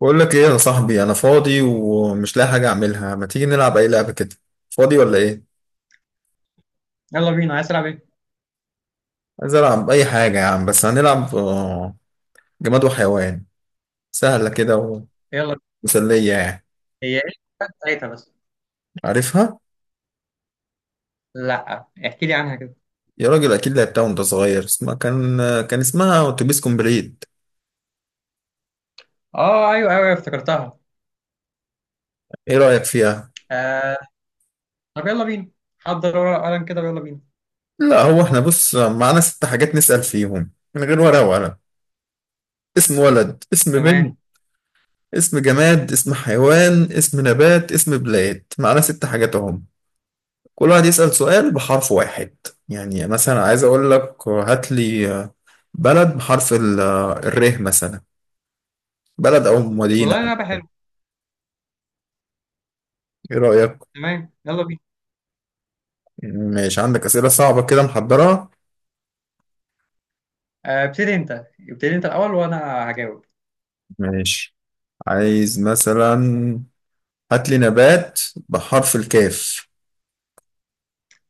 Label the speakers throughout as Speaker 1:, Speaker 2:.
Speaker 1: بقول لك ايه يا صاحبي، انا فاضي ومش لاقي حاجه اعملها. ما تيجي نلعب اي لعبه كده؟ فاضي ولا ايه؟
Speaker 2: يلا بينا، عايز تلعب ايه؟
Speaker 1: عايز العب اي حاجه يا عم، بس هنلعب جماد وحيوان. سهله كده
Speaker 2: يلا بينا.
Speaker 1: ومسليه يعني.
Speaker 2: هي ايه ساعتها بس.
Speaker 1: عارفها؟
Speaker 2: لا، احكي لي عنها كده.
Speaker 1: يا راجل اكيد لعبتها وانت صغير، اسمها كان اسمها اتوبيس كومبليت.
Speaker 2: اه ايوه ايوه أيوة، افتكرتها.
Speaker 1: ايه رايك فيها؟
Speaker 2: آه. طب يلا بينا، حضر ورقة وقلم كده ويلا بينا.
Speaker 1: لا هو احنا بص، معانا ست حاجات نسال فيهم من غير ورقه وقلم: اسم ولد، اسم
Speaker 2: تمام.
Speaker 1: بنت، اسم جماد، اسم حيوان، اسم نبات، اسم بلاد. معانا ست حاجات اهم. كل واحد يسأل سؤال بحرف واحد. يعني مثلا عايز أقول لك: هات لي بلد بحرف الر مثلا، بلد أو مدينة.
Speaker 2: والله لعبة حلوة.
Speaker 1: إيه رأيك؟
Speaker 2: تمام يلا بينا.
Speaker 1: ماشي، عندك أسئلة صعبة كده محضرة؟
Speaker 2: آه، ابتدي انت الاول وانا هجاوب.
Speaker 1: ماشي. عايز مثلا هات لي نبات بحرف الكاف.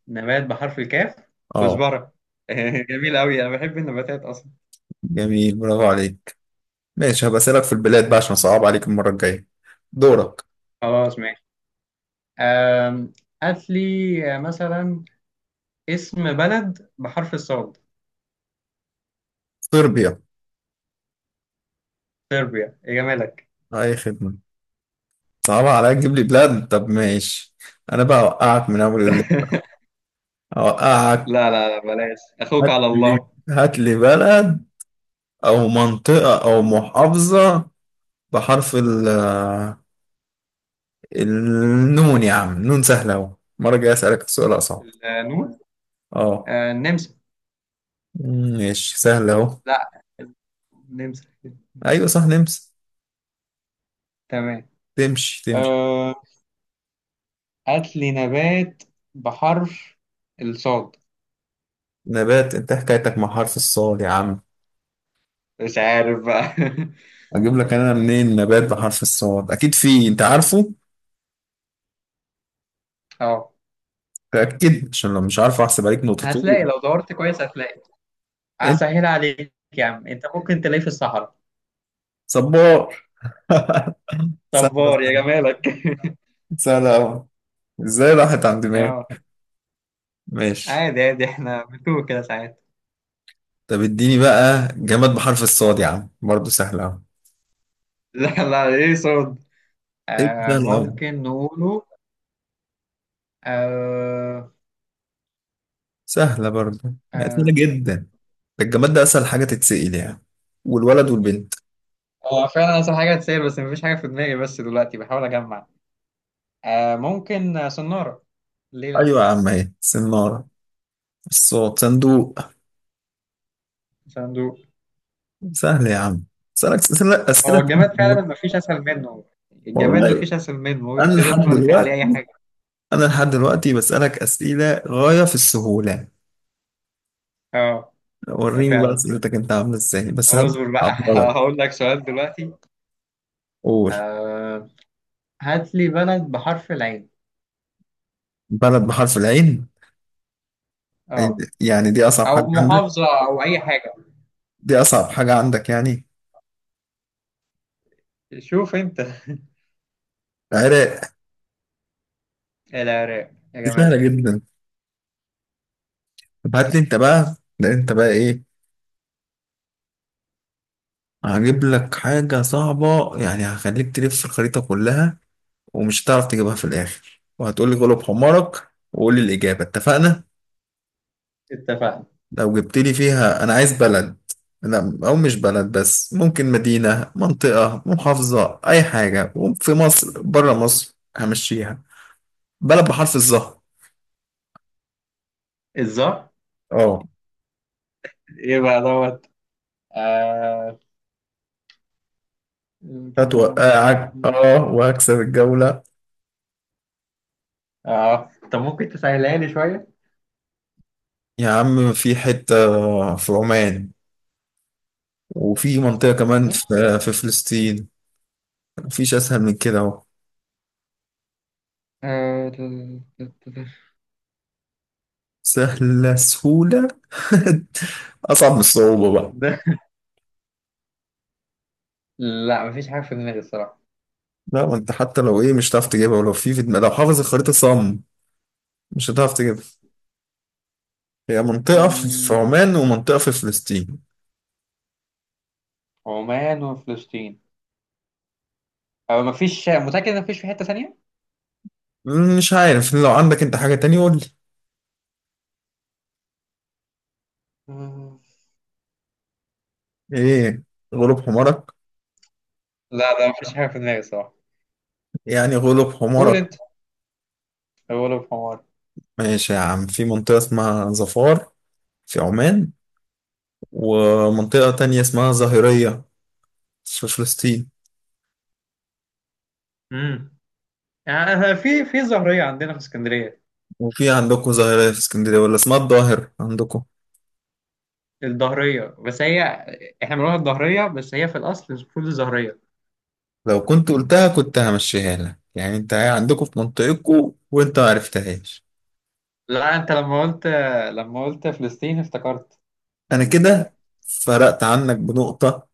Speaker 2: نبات بحرف الكاف؟
Speaker 1: اه،
Speaker 2: كزبرة. جميل قوي، انا بحب النباتات اصلا.
Speaker 1: جميل، برافو عليك. ماشي، هبقى أسألك في البلاد بقى عشان صعب عليك المرة الجاية. دورك.
Speaker 2: خلاص ماشي. آم، هات لي مثلا اسم بلد بحرف الصاد.
Speaker 1: صربيا.
Speaker 2: صربيا يا جمالك.
Speaker 1: أي خدمة. صعبة عليك تجيب لي بلاد، طب ماشي. أنا بقى أوقعك من أول الليل. أوقعك.
Speaker 2: لا لا لا، بلاش، اخوك
Speaker 1: هات
Speaker 2: على
Speaker 1: لي
Speaker 2: الله.
Speaker 1: هات لي بلد أو منطقة أو محافظة بحرف ال... النون يا عم، نون سهلة أهو، المرة الجاية أسألك سؤال أصعب.
Speaker 2: النون.
Speaker 1: أه.
Speaker 2: آه، النمسا.
Speaker 1: ماشي، سهلة أهو.
Speaker 2: لا، النمسا.
Speaker 1: أيوة صح، نمسي.
Speaker 2: تمام.
Speaker 1: تمشي تمشي.
Speaker 2: آه هات لي نبات بحرف الصاد.
Speaker 1: نبات؟ أنت حكايتك مع حرف الصاد يا عم.
Speaker 2: مش عارف بقى.
Speaker 1: أجيب لك أنا منين نبات بحرف الصاد؟ أكيد في، أنت عارفه.
Speaker 2: اه،
Speaker 1: تأكد، عشان لو مش عارفه أحسب عليك
Speaker 2: هتلاقي
Speaker 1: نقطتين.
Speaker 2: لو دورت كويس هتلاقي.
Speaker 1: أنت.
Speaker 2: هسهل عليك. يا عم انت ممكن تلاقيه في الصحراء.
Speaker 1: صبار.
Speaker 2: صبار يا
Speaker 1: سهلة،
Speaker 2: جمالك.
Speaker 1: سهلة أوي. إزاي راحت عند دماغي.
Speaker 2: اه.
Speaker 1: ماشي.
Speaker 2: عادي عادي، احنا بنتوه كده ساعات.
Speaker 1: طب اديني بقى جماد بحرف الصاد يا عم، برضه سهلة أوي.
Speaker 2: لا لا، ايه صاد؟
Speaker 1: إيه،
Speaker 2: آه
Speaker 1: سهلة أوي.
Speaker 2: ممكن نقوله. آه.
Speaker 1: سهلة برضه، يعني
Speaker 2: آه.
Speaker 1: سهلة جدا. ده الجماد ده أسهل حاجة تتسأل يعني، والولد والبنت.
Speaker 2: هو فعلا أصل حاجة تسير، بس مفيش حاجة في دماغي، بس دلوقتي بحاول أجمع. ممكن صنارة. ليه لأ؟
Speaker 1: أيوة يا عم، أهي سنارة. الصوت، صندوق.
Speaker 2: صندوق.
Speaker 1: سهل يا عم، أسألك أسئلة
Speaker 2: هو
Speaker 1: تانية
Speaker 2: الجماد
Speaker 1: والله.
Speaker 2: فعلا مفيش أسهل منه. الجماد
Speaker 1: والله
Speaker 2: مفيش أسهل منه،
Speaker 1: أنا
Speaker 2: تقدر
Speaker 1: لحد
Speaker 2: تقول عليه
Speaker 1: دلوقتي
Speaker 2: أي حاجة.
Speaker 1: أنا لحد دلوقتي بسألك أسئلة غاية في السهولة.
Speaker 2: اه
Speaker 1: وريني بقى
Speaker 2: فعلا.
Speaker 1: أسئلتك أنت عاملة إزاي، بس
Speaker 2: هو
Speaker 1: هبدأ
Speaker 2: اصبر بقى.
Speaker 1: أبطلك.
Speaker 2: هقول لك سؤال دلوقتي.
Speaker 1: قول.
Speaker 2: آه، هات لي بلد بحرف العين.
Speaker 1: بلد بحرف العين؟
Speaker 2: اه،
Speaker 1: يعني دي أصعب حاجة
Speaker 2: أو
Speaker 1: عندك؟
Speaker 2: محافظة أو أي حاجة.
Speaker 1: دي أصعب حاجة عندك يعني؟
Speaker 2: شوف أنت.
Speaker 1: العراق.
Speaker 2: العراق يا
Speaker 1: دي سهلة
Speaker 2: جمالك.
Speaker 1: جدا. طب هات لي أنت بقى، لا أنت بقى إيه، هجيب لك حاجة صعبة يعني، هخليك تلف الخريطة كلها ومش هتعرف تجيبها في الآخر، وهتقول لي غلب حمارك وقول لي الإجابة، اتفقنا؟
Speaker 2: اتفقنا.
Speaker 1: لو جبت لي فيها، أنا عايز بلد، لا أو مش بلد بس، ممكن مدينة، منطقة، محافظة، أي حاجة، في مصر، بره مصر، همشيها. بلد بحرف الظهر.
Speaker 2: الظهر.
Speaker 1: اه،
Speaker 2: ايه بقى دوت؟ آه...
Speaker 1: هتوقعك اه وهكسب الجولة.
Speaker 2: اه، طب ممكن تسهلها لي شوية؟
Speaker 1: يا عم في حتة، في عمان، وفي منطقة كمان في في فلسطين. مفيش أسهل من كده أهو.
Speaker 2: آه. ت- ت- ت-
Speaker 1: سهلة سهولة. أصعب من الصعوبة بقى.
Speaker 2: ده. لا مفيش حاجة في دماغي الصراحة.
Speaker 1: لا ما أنت حتى لو إيه مش هتعرف تجيبها، ولو لو حافظ الخريطة صم مش هتعرف تجيبها. هي منطقة في
Speaker 2: مم،
Speaker 1: عمان ومنطقة في فلسطين.
Speaker 2: عمان وفلسطين، أو مفيش؟ متأكد إن مفيش في حتة ثانية؟
Speaker 1: مش عارف، لو عندك أنت حاجة تانية قول لي.
Speaker 2: مم،
Speaker 1: إيه، غلب حمارك؟
Speaker 2: لا لا مفيش حاجة في دماغي الصراحة.
Speaker 1: يعني غلب
Speaker 2: قول
Speaker 1: حمارك.
Speaker 2: أنت أول في حمار.
Speaker 1: ماشي يا عم، في منطقة اسمها ظفار في عمان، ومنطقة تانية اسمها ظاهرية في فلسطين.
Speaker 2: امم آه، في ظاهرية عندنا في اسكندرية.
Speaker 1: وفي عندكم ظاهرية في اسكندرية، ولا اسمها الظاهر عندكم؟
Speaker 2: الظهرية بس هي، احنا بنقولها الظهرية بس هي في الأصل المفروض الظهرية.
Speaker 1: لو كنت قلتها كنت همشيها لك يعني، انت عندكم في منطقتكم وانت ما عرفتهاش.
Speaker 2: لا، أنت لما قلت فلسطين افتكرت
Speaker 1: انا
Speaker 2: ال...
Speaker 1: كده فرقت عنك بنقطة،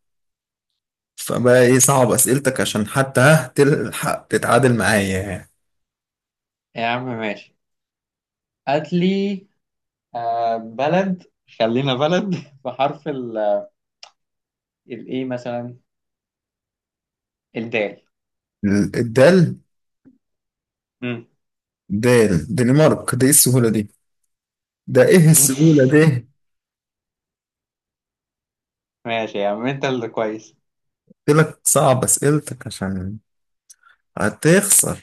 Speaker 1: فبقى ايه صعب اسئلتك عشان حتى ها تلحق تتعادل معايا يعني.
Speaker 2: يا عم ماشي. هات لي بلد، خلينا بلد. بحرف الايه مثلا، الدال.
Speaker 1: الدال.
Speaker 2: مم.
Speaker 1: دال، دنمارك، دي إيه السهولة دي؟ ده ايه السهولة دي؟
Speaker 2: ماشي يا عم، انت اللي كويس.
Speaker 1: قلت لك صعب اسئلتك عشان هتخسر.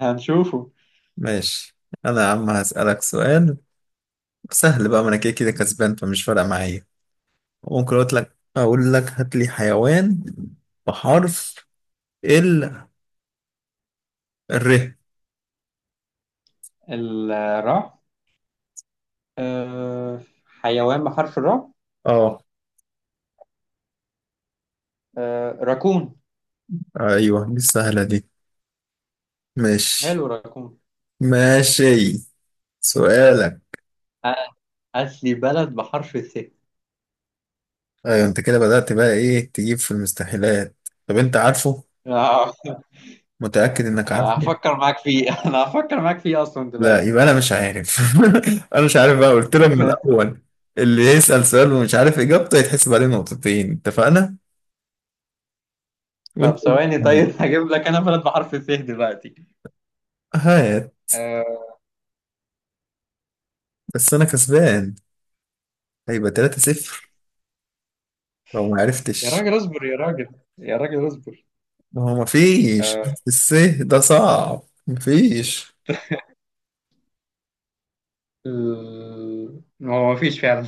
Speaker 2: هنشوفه.
Speaker 1: ماشي. انا يا عم هسألك سؤال سهل بقى، ما انا كده كده كسبان فمش فارقة معايا. ممكن اقول لك هات لي حيوان بحرف ال ر.
Speaker 2: الراء. آه، حيوان بحرف الراء.
Speaker 1: اه،
Speaker 2: آه، راكون.
Speaker 1: ايوه دي السهلة دي. ماشي.
Speaker 2: حلو، راكون.
Speaker 1: ماشي. سؤالك.
Speaker 2: آه، هات لي بلد بحرف الث.
Speaker 1: ايوه انت كده بدأت بقى ايه، تجيب في المستحيلات. طب انت عارفه؟
Speaker 2: آه.
Speaker 1: متأكد انك
Speaker 2: آه،
Speaker 1: عارفه؟
Speaker 2: هفكر معاك فيه. انا هفكر معاك فيه اصلا
Speaker 1: لا
Speaker 2: دلوقتي.
Speaker 1: يبقى انا مش عارف. انا مش عارف بقى، قلت لك من الاول، اللي يسأل سؤال ومش عارف اجابته يتحسب عليه نقطتين، اتفقنا؟ وانت.
Speaker 2: طب ثواني، طيب. هجيب لك انا بلد بحرف الث دلوقتي.
Speaker 1: هات.
Speaker 2: آه.
Speaker 1: بس انا كسبان، هيبقى 3-0 لو ما
Speaker 2: يا
Speaker 1: عرفتش.
Speaker 2: راجل اصبر يا راجل. يا راجل اصبر.
Speaker 1: ما هو ما فيش
Speaker 2: آه،
Speaker 1: الس، ده صعب، ما فيش.
Speaker 2: هو مفيش فعلا.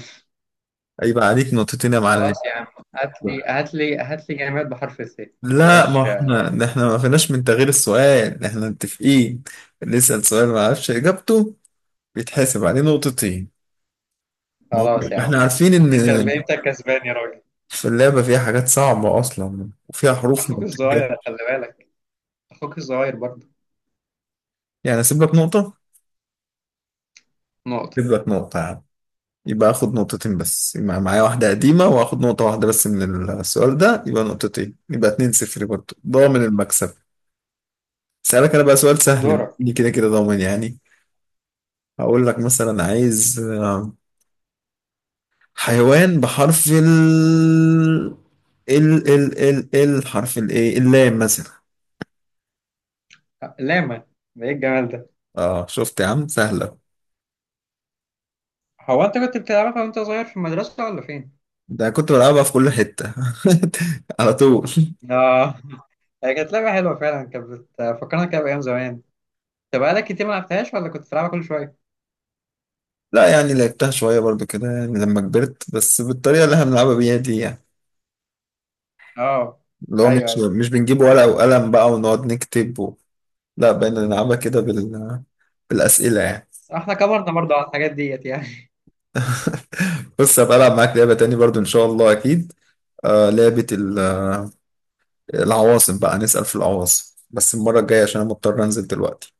Speaker 1: هيبقى عليك نقطتين يا معلم.
Speaker 2: خلاص يا عم. هات لي جماد بحرف الث.
Speaker 1: لا ما
Speaker 2: بلاش.
Speaker 1: احنا ده، احنا ما فيناش من تغيير السؤال، احنا متفقين اللي يسأل سؤال ما عرفش اجابته بيتحاسب عليه نقطتين. ما هو
Speaker 2: خلاص يا
Speaker 1: احنا
Speaker 2: عم.
Speaker 1: عارفين ان
Speaker 2: انت كسبان يا راجل.
Speaker 1: في اللعبة فيها حاجات صعبة اصلا وفيها حروف ما
Speaker 2: اخوك
Speaker 1: بتتجاب.
Speaker 2: الصغير خلي بالك. اخوك الصغير برضه.
Speaker 1: يعني اسيب لك نقطة،
Speaker 2: نقطة.
Speaker 1: اسيب لك نقطة يا عم. يبقى اخد نقطتين بس، يبقى معايا واحدة قديمة واخد نقطة واحدة بس من السؤال ده، يبقى نقطتين، يبقى اتنين صفر برضه، ضامن
Speaker 2: قشطة.
Speaker 1: المكسب. سألك انا بقى سؤال سهل
Speaker 2: دورك.
Speaker 1: بني كده كده ضامن يعني. هقول لك مثلا عايز حيوان بحرف ال ال ال ال ال حرف الايه اللام مثلا.
Speaker 2: لاما. ده ايه الجمال ده؟
Speaker 1: اه شفت يا عم، سهلة.
Speaker 2: هو انت كنت بتلعبها وانت صغير في المدرسة ولا فين؟
Speaker 1: ده كنت بلعبها في كل حتة. على طول.
Speaker 2: اه. هي كانت لعبة حلوة فعلا كانت. بتفكرنا كده بأيام زمان. انت بقالك كتير ما لعبتهاش ولا كنت بتلعبها كل شوية؟
Speaker 1: لا يعني لعبتها شوية برضو كده يعني لما كبرت، بس بالطريقة اللي احنا بنلعبها بيها دي يعني،
Speaker 2: اه
Speaker 1: اللي هو
Speaker 2: ايوه
Speaker 1: مش
Speaker 2: ايوه.
Speaker 1: مش بنجيب ورقة وقلم بقى ونقعد نكتب و... لا بقينا نلعبها كده بالأسئلة يعني.
Speaker 2: احنا كبرنا برضه على الحاجات ديت يعني.
Speaker 1: بص، هبقى ألعب معاك لعبة تاني برضو إن شاء الله أكيد. آه، لعبة العواصم بقى، نسأل في العواصم بس المرة الجاية عشان أنا مضطر أنزل دلوقتي.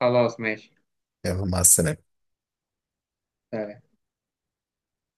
Speaker 2: خلاص ماشي.
Speaker 1: يلا، مع السلامة.